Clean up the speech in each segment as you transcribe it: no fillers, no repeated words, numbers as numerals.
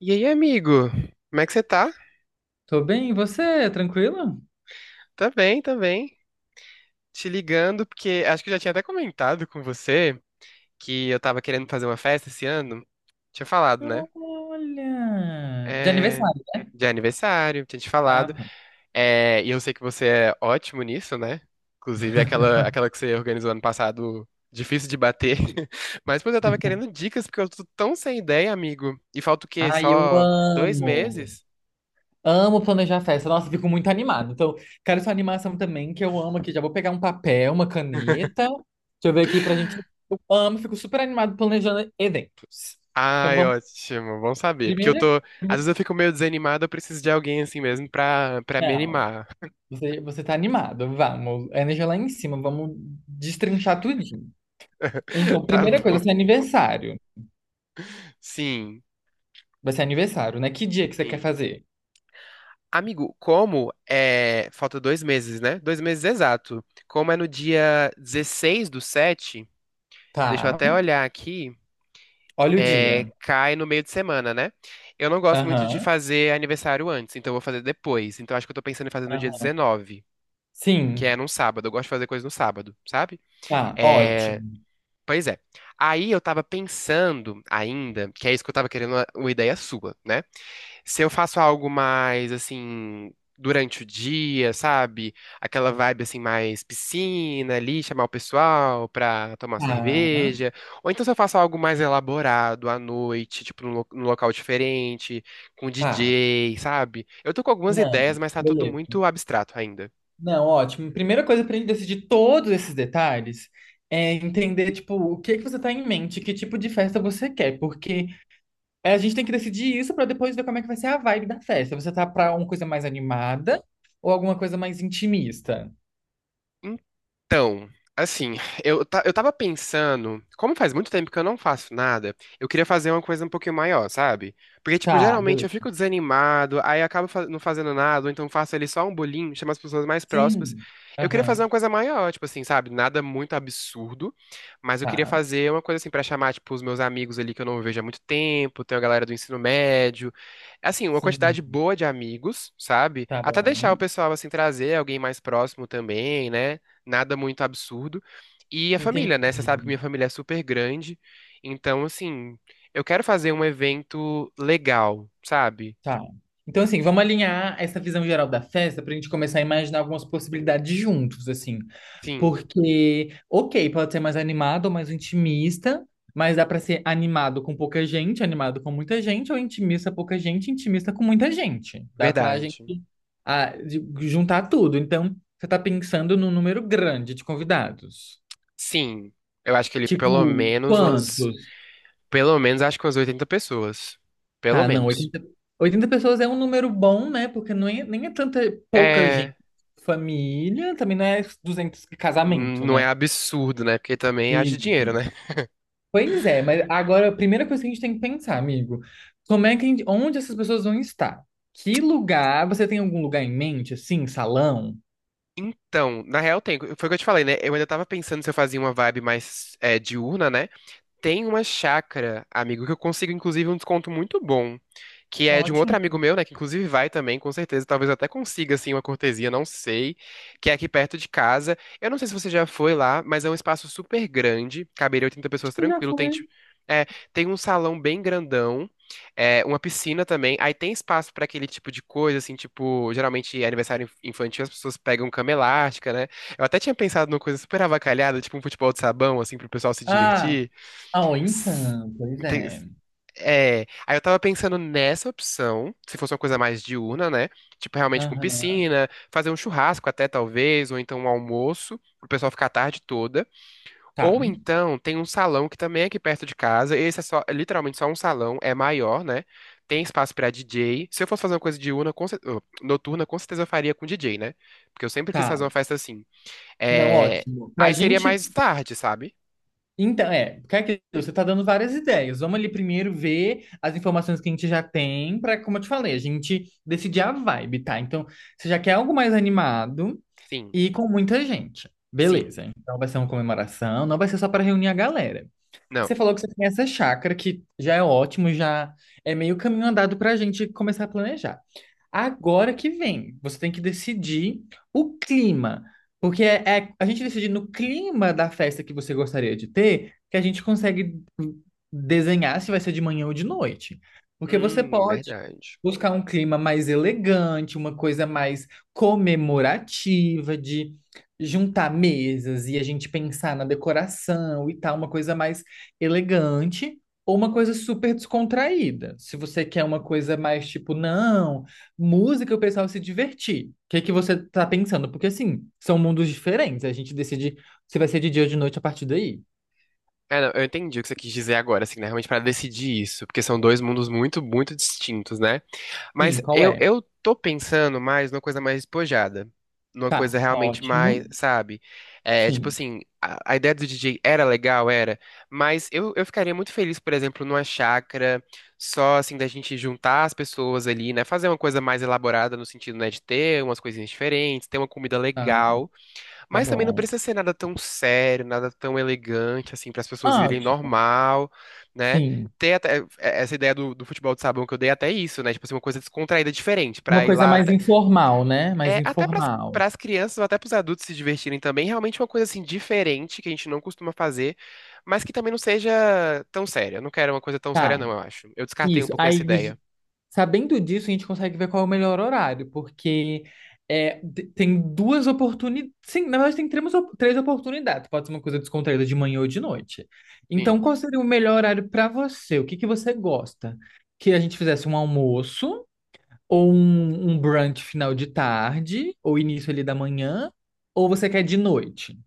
E aí, amigo? Como é que você tá? Tô bem, e você? Tranquilo? Tá bem, tá bem. Te ligando porque acho que eu já tinha até comentado com você que eu tava querendo fazer uma festa esse ano. Tinha falado, né? Olha! De É... aniversário, né? De aniversário, tinha te Ah, falado. tá. É... E eu sei que você é ótimo nisso, né? Inclusive aquela, aquela que você organizou ano passado, difícil de bater. Mas, pois, eu tava querendo dicas porque eu tô tão sem ideia, amigo. E falta o quê? Ai, eu Só dois amo! meses? Amo planejar festa. Nossa, fico muito animado. Então, quero sua animação também, que eu amo aqui. Já vou pegar um papel, uma caneta. Deixa eu ver aqui pra gente. Eu amo, fico super animado planejando eventos. Então, Ai, vamos. ótimo, bom saber. Porque eu Primeiro, tô. Às primeiro- vezes eu fico meio desanimado, eu preciso de alguém assim mesmo pra me não. animar. Você tá animado. Vamos. A energia lá em cima. Vamos destrinchar tudinho. Então, Tá primeira coisa, bom. seu aniversário. Sim, Vai ser aniversário, né? Que dia que você quer sim. fazer? Amigo, como é. Falta 2 meses, né? 2 meses exato. Como é no dia 16 do 7? Deixa eu Tá. até olhar aqui. Olha o É... dia. Cai no meio de semana, né? Eu não gosto muito de Aham. fazer aniversário antes, então eu vou fazer depois. Então acho que eu tô pensando em fazer no dia Aham. 19, que é Sim. num sábado. Eu gosto de fazer coisa no sábado, sabe? Tá, É, ótimo. pois é. Aí eu tava pensando ainda, que é isso que eu tava querendo uma ideia sua, né? Se eu faço algo mais assim durante o dia, sabe? Aquela vibe assim mais piscina ali, chamar o pessoal pra tomar uma Tá. cerveja, ou então se eu faço algo mais elaborado à noite, tipo num, num local diferente, com Tá. DJ, sabe? Eu tô com algumas Não, ideias, mas tá tudo beleza. muito abstrato ainda. Não, ótimo. Primeira coisa pra gente decidir todos esses detalhes é entender, tipo, o que que você tá em mente, que tipo de festa você quer, porque a gente tem que decidir isso pra depois ver como é que vai ser a vibe da festa. Você tá pra uma coisa mais animada ou alguma coisa mais intimista? Então, assim, eu tava pensando, como faz muito tempo que eu não faço nada, eu queria fazer uma coisa um pouquinho maior, sabe? Porque, tipo, Tá, geralmente eu beleza. fico desanimado, aí acabo não fazendo nada, ou então faço ali só um bolinho, chamo as pessoas mais próximas. Sim. Eu queria fazer Aham. uma coisa maior, tipo assim, sabe? Nada muito absurdo, mas eu queria Tá. fazer uma coisa assim pra chamar, tipo, os meus amigos ali que eu não vejo há muito tempo, tem a galera do ensino médio, assim, uma Sim. quantidade boa de amigos, sabe? Tá Até deixar o bom. pessoal, assim, trazer alguém mais próximo também, né? Nada muito absurdo. E a Entendi. família, né? Você sabe que minha família é super grande. Então, assim, eu quero fazer um evento legal, sabe? Tá. Então, assim, vamos alinhar essa visão geral da festa pra gente começar a imaginar algumas possibilidades juntos, assim. Sim, Porque, ok, pode ser mais animado ou mais intimista, mas dá pra ser animado com pouca gente, animado com muita gente, ou intimista pouca gente, intimista com muita gente. Dá pra gente verdade. ah, de- juntar tudo. Então, você tá pensando num número grande de convidados. Sim, eu acho que ele pelo Tipo, menos umas. quantos? Pelo menos acho que umas 80 pessoas. Pelo Tá, não, menos. oitenta pessoas é um número bom, né? Porque não é, nem é tanta pouca gente. É. Família também não é 200 de casamento, Não né? é absurdo, né? Porque também haja Isso. dinheiro, né? Pois é, mas agora a primeira coisa que a gente tem que pensar, amigo, como é que a gente, onde essas pessoas vão estar? Que lugar? Você tem algum lugar em mente, assim, salão? Então, na real, tem. Foi o que eu te falei, né? Eu ainda tava pensando se eu fazia uma vibe mais é, diurna, né? Tem uma chácara, amigo, que eu consigo, inclusive, um desconto muito bom. Que é de um outro Ótimo. amigo meu, né? Que inclusive vai também, com certeza. Talvez eu até consiga, assim, uma cortesia, não sei. Que é aqui perto de casa. Eu não sei se você já foi lá, mas é um espaço super grande. Caberia 80 Acho pessoas que já tranquilo. Foi. É, tem um salão bem grandão. É, uma piscina também. Aí tem espaço pra aquele tipo de coisa, assim, tipo, geralmente é aniversário infantil, as pessoas pegam cama elástica, né? Eu até tinha pensado numa coisa super avacalhada, tipo um futebol de sabão, assim, pro pessoal se Ah, divertir. ah, ó, S- então, pois ente- é. É, aí eu tava pensando nessa opção, se fosse uma coisa mais diurna, né? Tipo, realmente com Aham. piscina, fazer um churrasco até talvez, ou então um almoço, pro pessoal ficar a tarde toda. Tá, Ou então tem um salão que também é aqui perto de casa, esse é só, é literalmente só um salão, é maior, né? Tem espaço pra DJ. Se eu fosse fazer uma coisa diurna, com noturna, com certeza eu faria com DJ, né? Porque eu sempre quis fazer tá. uma festa assim. Não, É, ótimo. Pra aí seria gente mais tarde, sabe? Então, é, porque é aquilo, você tá dando várias ideias. Vamos ali primeiro ver as informações que a gente já tem para, como eu te falei, a gente decidir a vibe, tá? Então, você já quer algo mais animado Sim, e com muita gente. sim. Beleza. Então vai ser uma comemoração, não vai ser só para reunir a galera. E Não. você falou que você tem essa chácara que já é ótimo, já é meio caminho andado para a gente começar a planejar. Agora que vem, você tem que decidir o clima, porque é a gente decidir no clima da festa que você gostaria de ter, que a gente consegue desenhar se vai ser de manhã ou de noite. Porque você pode Verdade. buscar um clima mais elegante, uma coisa mais comemorativa, de juntar mesas e a gente pensar na decoração e tal, uma coisa mais elegante. Ou uma coisa super descontraída. Se você quer uma coisa mais tipo, não, música e o pessoal se divertir. O que é que você tá pensando? Porque, assim, são mundos diferentes. A gente decide se vai ser de dia ou de noite a partir daí. É, não, eu entendi o que você quis dizer agora, assim, né? Realmente para decidir isso, porque são dois mundos muito, muito distintos, né? Mas Sim, qual eu, é? eu tô pensando mais numa coisa mais despojada, numa Tá, coisa realmente mais, ótimo. sabe? É, tipo Sim. assim, a ideia do DJ era legal, era, mas eu ficaria muito feliz, por exemplo, numa chácara, só assim, da gente juntar as pessoas ali, né? Fazer uma coisa mais elaborada no sentido, né, de ter umas coisinhas diferentes, ter uma comida Ah, legal. tá Mas também não bom. precisa ser nada tão sério, nada tão elegante, assim, para as pessoas irem Ótimo. normal, né? Sim. Ter até é, essa ideia do futebol de sabão que eu dei é até isso, né? Tipo assim, uma coisa descontraída, diferente, Uma para ir coisa lá mais até, informal, né? Mais é, até para informal. as crianças ou até para os adultos se divertirem também, realmente uma coisa assim diferente que a gente não costuma fazer, mas que também não seja tão séria. Eu não quero uma coisa tão séria, Tá. não, eu acho. Eu descartei um Isso. pouquinho essa Aí, ideia. sabendo disso, a gente consegue ver qual é o melhor horário, porque tem duas oportunidades. Sim, na verdade, tem três oportunidades. Pode ser uma coisa descontraída de manhã ou de noite. Então, Sim. qual seria o melhor horário para você? O que que você gosta? Que a gente fizesse um almoço, ou um brunch final de tarde, ou início ali da manhã, ou você quer de noite?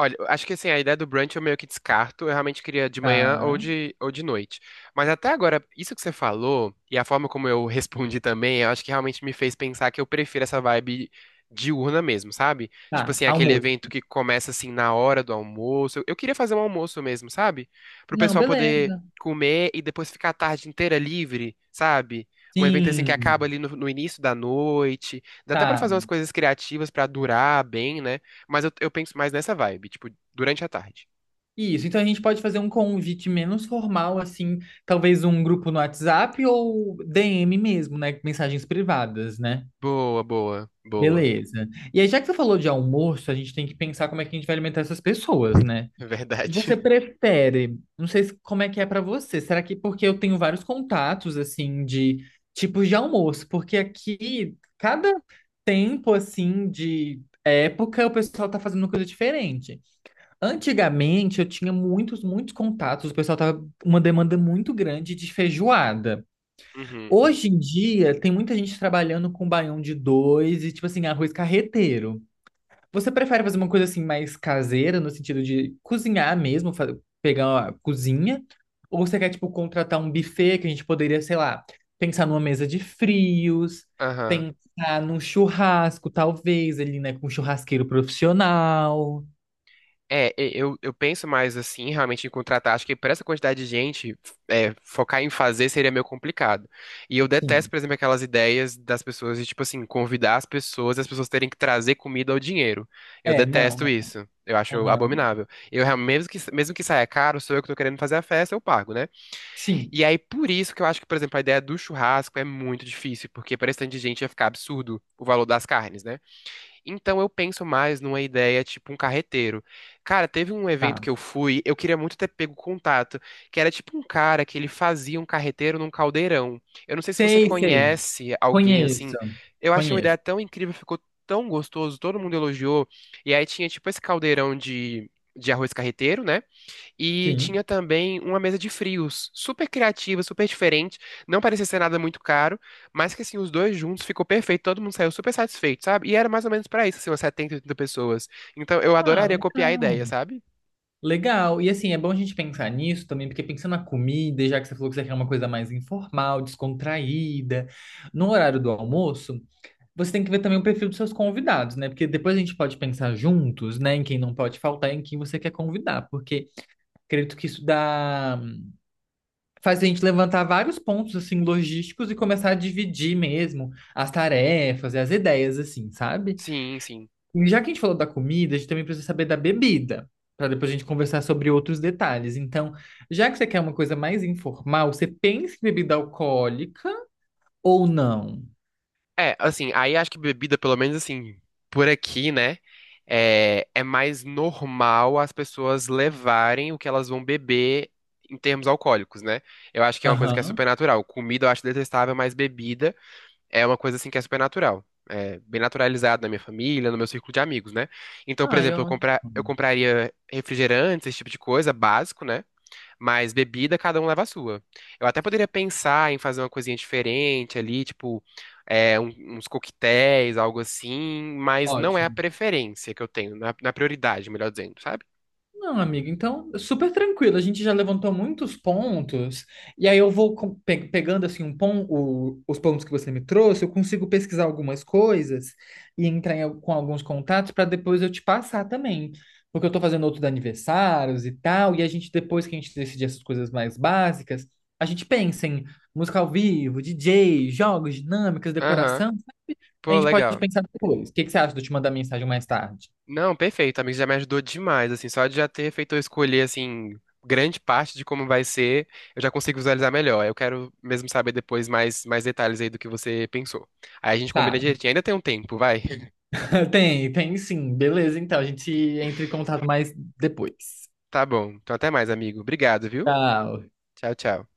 Olha, acho que assim, a ideia do brunch eu meio que descarto. Eu realmente queria de manhã Tá, ou ou de noite. Mas até agora, isso que você falou e a forma como eu respondi também, eu acho que realmente me fez pensar que eu prefiro essa vibe diurna mesmo, sabe? Tipo tá, assim, aquele almoço. evento que começa assim na hora do almoço. Eu queria fazer um almoço mesmo, sabe? Pro Não, pessoal poder beleza. comer e depois ficar a tarde inteira livre, sabe? Um evento assim que acaba Sim, ali no, no início da noite. Dá até pra tá. fazer umas coisas criativas pra durar bem, né? Mas eu penso mais nessa vibe, tipo, durante a tarde. Isso, então a gente pode fazer um convite menos formal, assim, talvez um grupo no WhatsApp ou DM mesmo, né? Mensagens privadas, né? Boa, boa, boa. Beleza. E aí, já que você falou de almoço, a gente tem que pensar como é que a gente vai alimentar essas pessoas, né? É verdade. Você prefere, não sei como é que é pra você, será que porque eu tenho vários contatos, assim, de tipos de almoço, porque aqui, cada tempo, assim, de época, o pessoal tá fazendo coisa diferente. Antigamente eu tinha muitos, muitos contatos, o pessoal tava com uma demanda muito grande de feijoada. Uhum. Hoje em dia tem muita gente trabalhando com baião de dois e tipo assim, arroz carreteiro. Você prefere fazer uma coisa assim mais caseira, no sentido de cozinhar mesmo, pegar a cozinha? Ou você quer tipo contratar um buffet que a gente poderia, sei lá, pensar numa mesa de frios, Aham. pensar num churrasco, talvez ali, né, com um churrasqueiro profissional? É, eu penso mais assim, realmente, em contratar. Acho que para essa quantidade de gente, é, focar em fazer seria meio complicado. E eu detesto, Sim. por exemplo, aquelas ideias das pessoas de, tipo assim, convidar as pessoas e as pessoas terem que trazer comida ou dinheiro. Eu É, não, detesto não. isso. Eu acho Aham. abominável. Eu, mesmo que saia caro, sou eu que tô querendo fazer a festa, eu pago, né? Sim, E aí, por isso que eu acho que, por exemplo, a ideia do churrasco é muito difícil, porque para esse tanto de gente ia ficar absurdo o valor das carnes, né? Então eu penso mais numa ideia tipo um carreteiro. Cara, teve um evento tá. que eu fui, eu queria muito ter pego contato, que era tipo um cara que ele fazia um carreteiro num caldeirão. Eu não sei se você Sei, sei. conhece alguém assim. Conheço. Eu achei uma Conheço. ideia tão incrível, ficou tão gostoso, todo mundo elogiou. E aí tinha tipo esse caldeirão de arroz carreteiro, né? E Sim. tinha também uma mesa de frios, super criativa, super diferente. Não parecia ser nada muito caro, mas que assim, os dois juntos ficou perfeito, todo mundo saiu super satisfeito, sabe? E era mais ou menos pra isso, assim, umas 70, 80 pessoas. Então eu Ah, adoraria copiar a ideia, legal. sabe? Legal. E assim, é bom a gente pensar nisso também, porque pensando na comida, e já que você falou que você quer uma coisa mais informal, descontraída, no horário do almoço, você tem que ver também o perfil dos seus convidados, né? Porque depois a gente pode pensar juntos, né, em quem não pode faltar e em quem você quer convidar, porque acredito que isso dá faz a gente levantar vários pontos assim logísticos e começar a dividir mesmo as tarefas e as ideias assim, sabe? Sim, sim. E já que a gente falou da comida, a gente também precisa saber da bebida, para depois a gente conversar sobre outros detalhes. Então, já que você quer uma coisa mais informal, você pensa em bebida alcoólica ou não? É, assim, aí acho que bebida, pelo menos assim, por aqui, né? É, é mais normal as pessoas levarem o que elas vão beber em termos alcoólicos, né? Eu acho que é uma coisa que é Aham. super natural. Comida eu acho detestável, mas bebida. É uma coisa assim que é super natural. É bem naturalizado na minha família, no meu círculo de amigos, né? Então, por Ai, exemplo, ótimo. Eu compraria refrigerantes, esse tipo de coisa, básico, né? Mas bebida, cada um leva a sua. Eu até poderia pensar em fazer uma coisinha diferente ali, tipo, é, uns coquetéis, algo assim, mas não é a Ótimo. preferência que eu tenho, na, prioridade, melhor dizendo, sabe? Não, amigo, então, super tranquilo. A gente já levantou muitos pontos, e aí eu vou pegando assim os pontos que você me trouxe, eu consigo pesquisar algumas coisas e entrar com alguns contatos para depois eu te passar também. Porque eu tô fazendo outros aniversários e tal, e a gente, depois que a gente decidir essas coisas mais básicas, a gente pensa em música ao vivo, DJ, jogos, dinâmicas, Aham. decoração. A Pô, gente pode legal. pensar depois. O que que você acha de eu te mandar mensagem mais tarde? Não, perfeito, amigo, já me ajudou demais, assim, só de já ter feito eu escolher, assim, grande parte de como vai ser, eu já consigo visualizar melhor. Eu quero mesmo saber depois mais, detalhes aí do que você pensou. Aí a gente Tá. combina direitinho, ainda tem um tempo, vai? Tem sim. Beleza, então a gente entra em contato mais depois. Tá bom, então até mais, amigo. Obrigado, viu? Tchau. Tchau, tchau.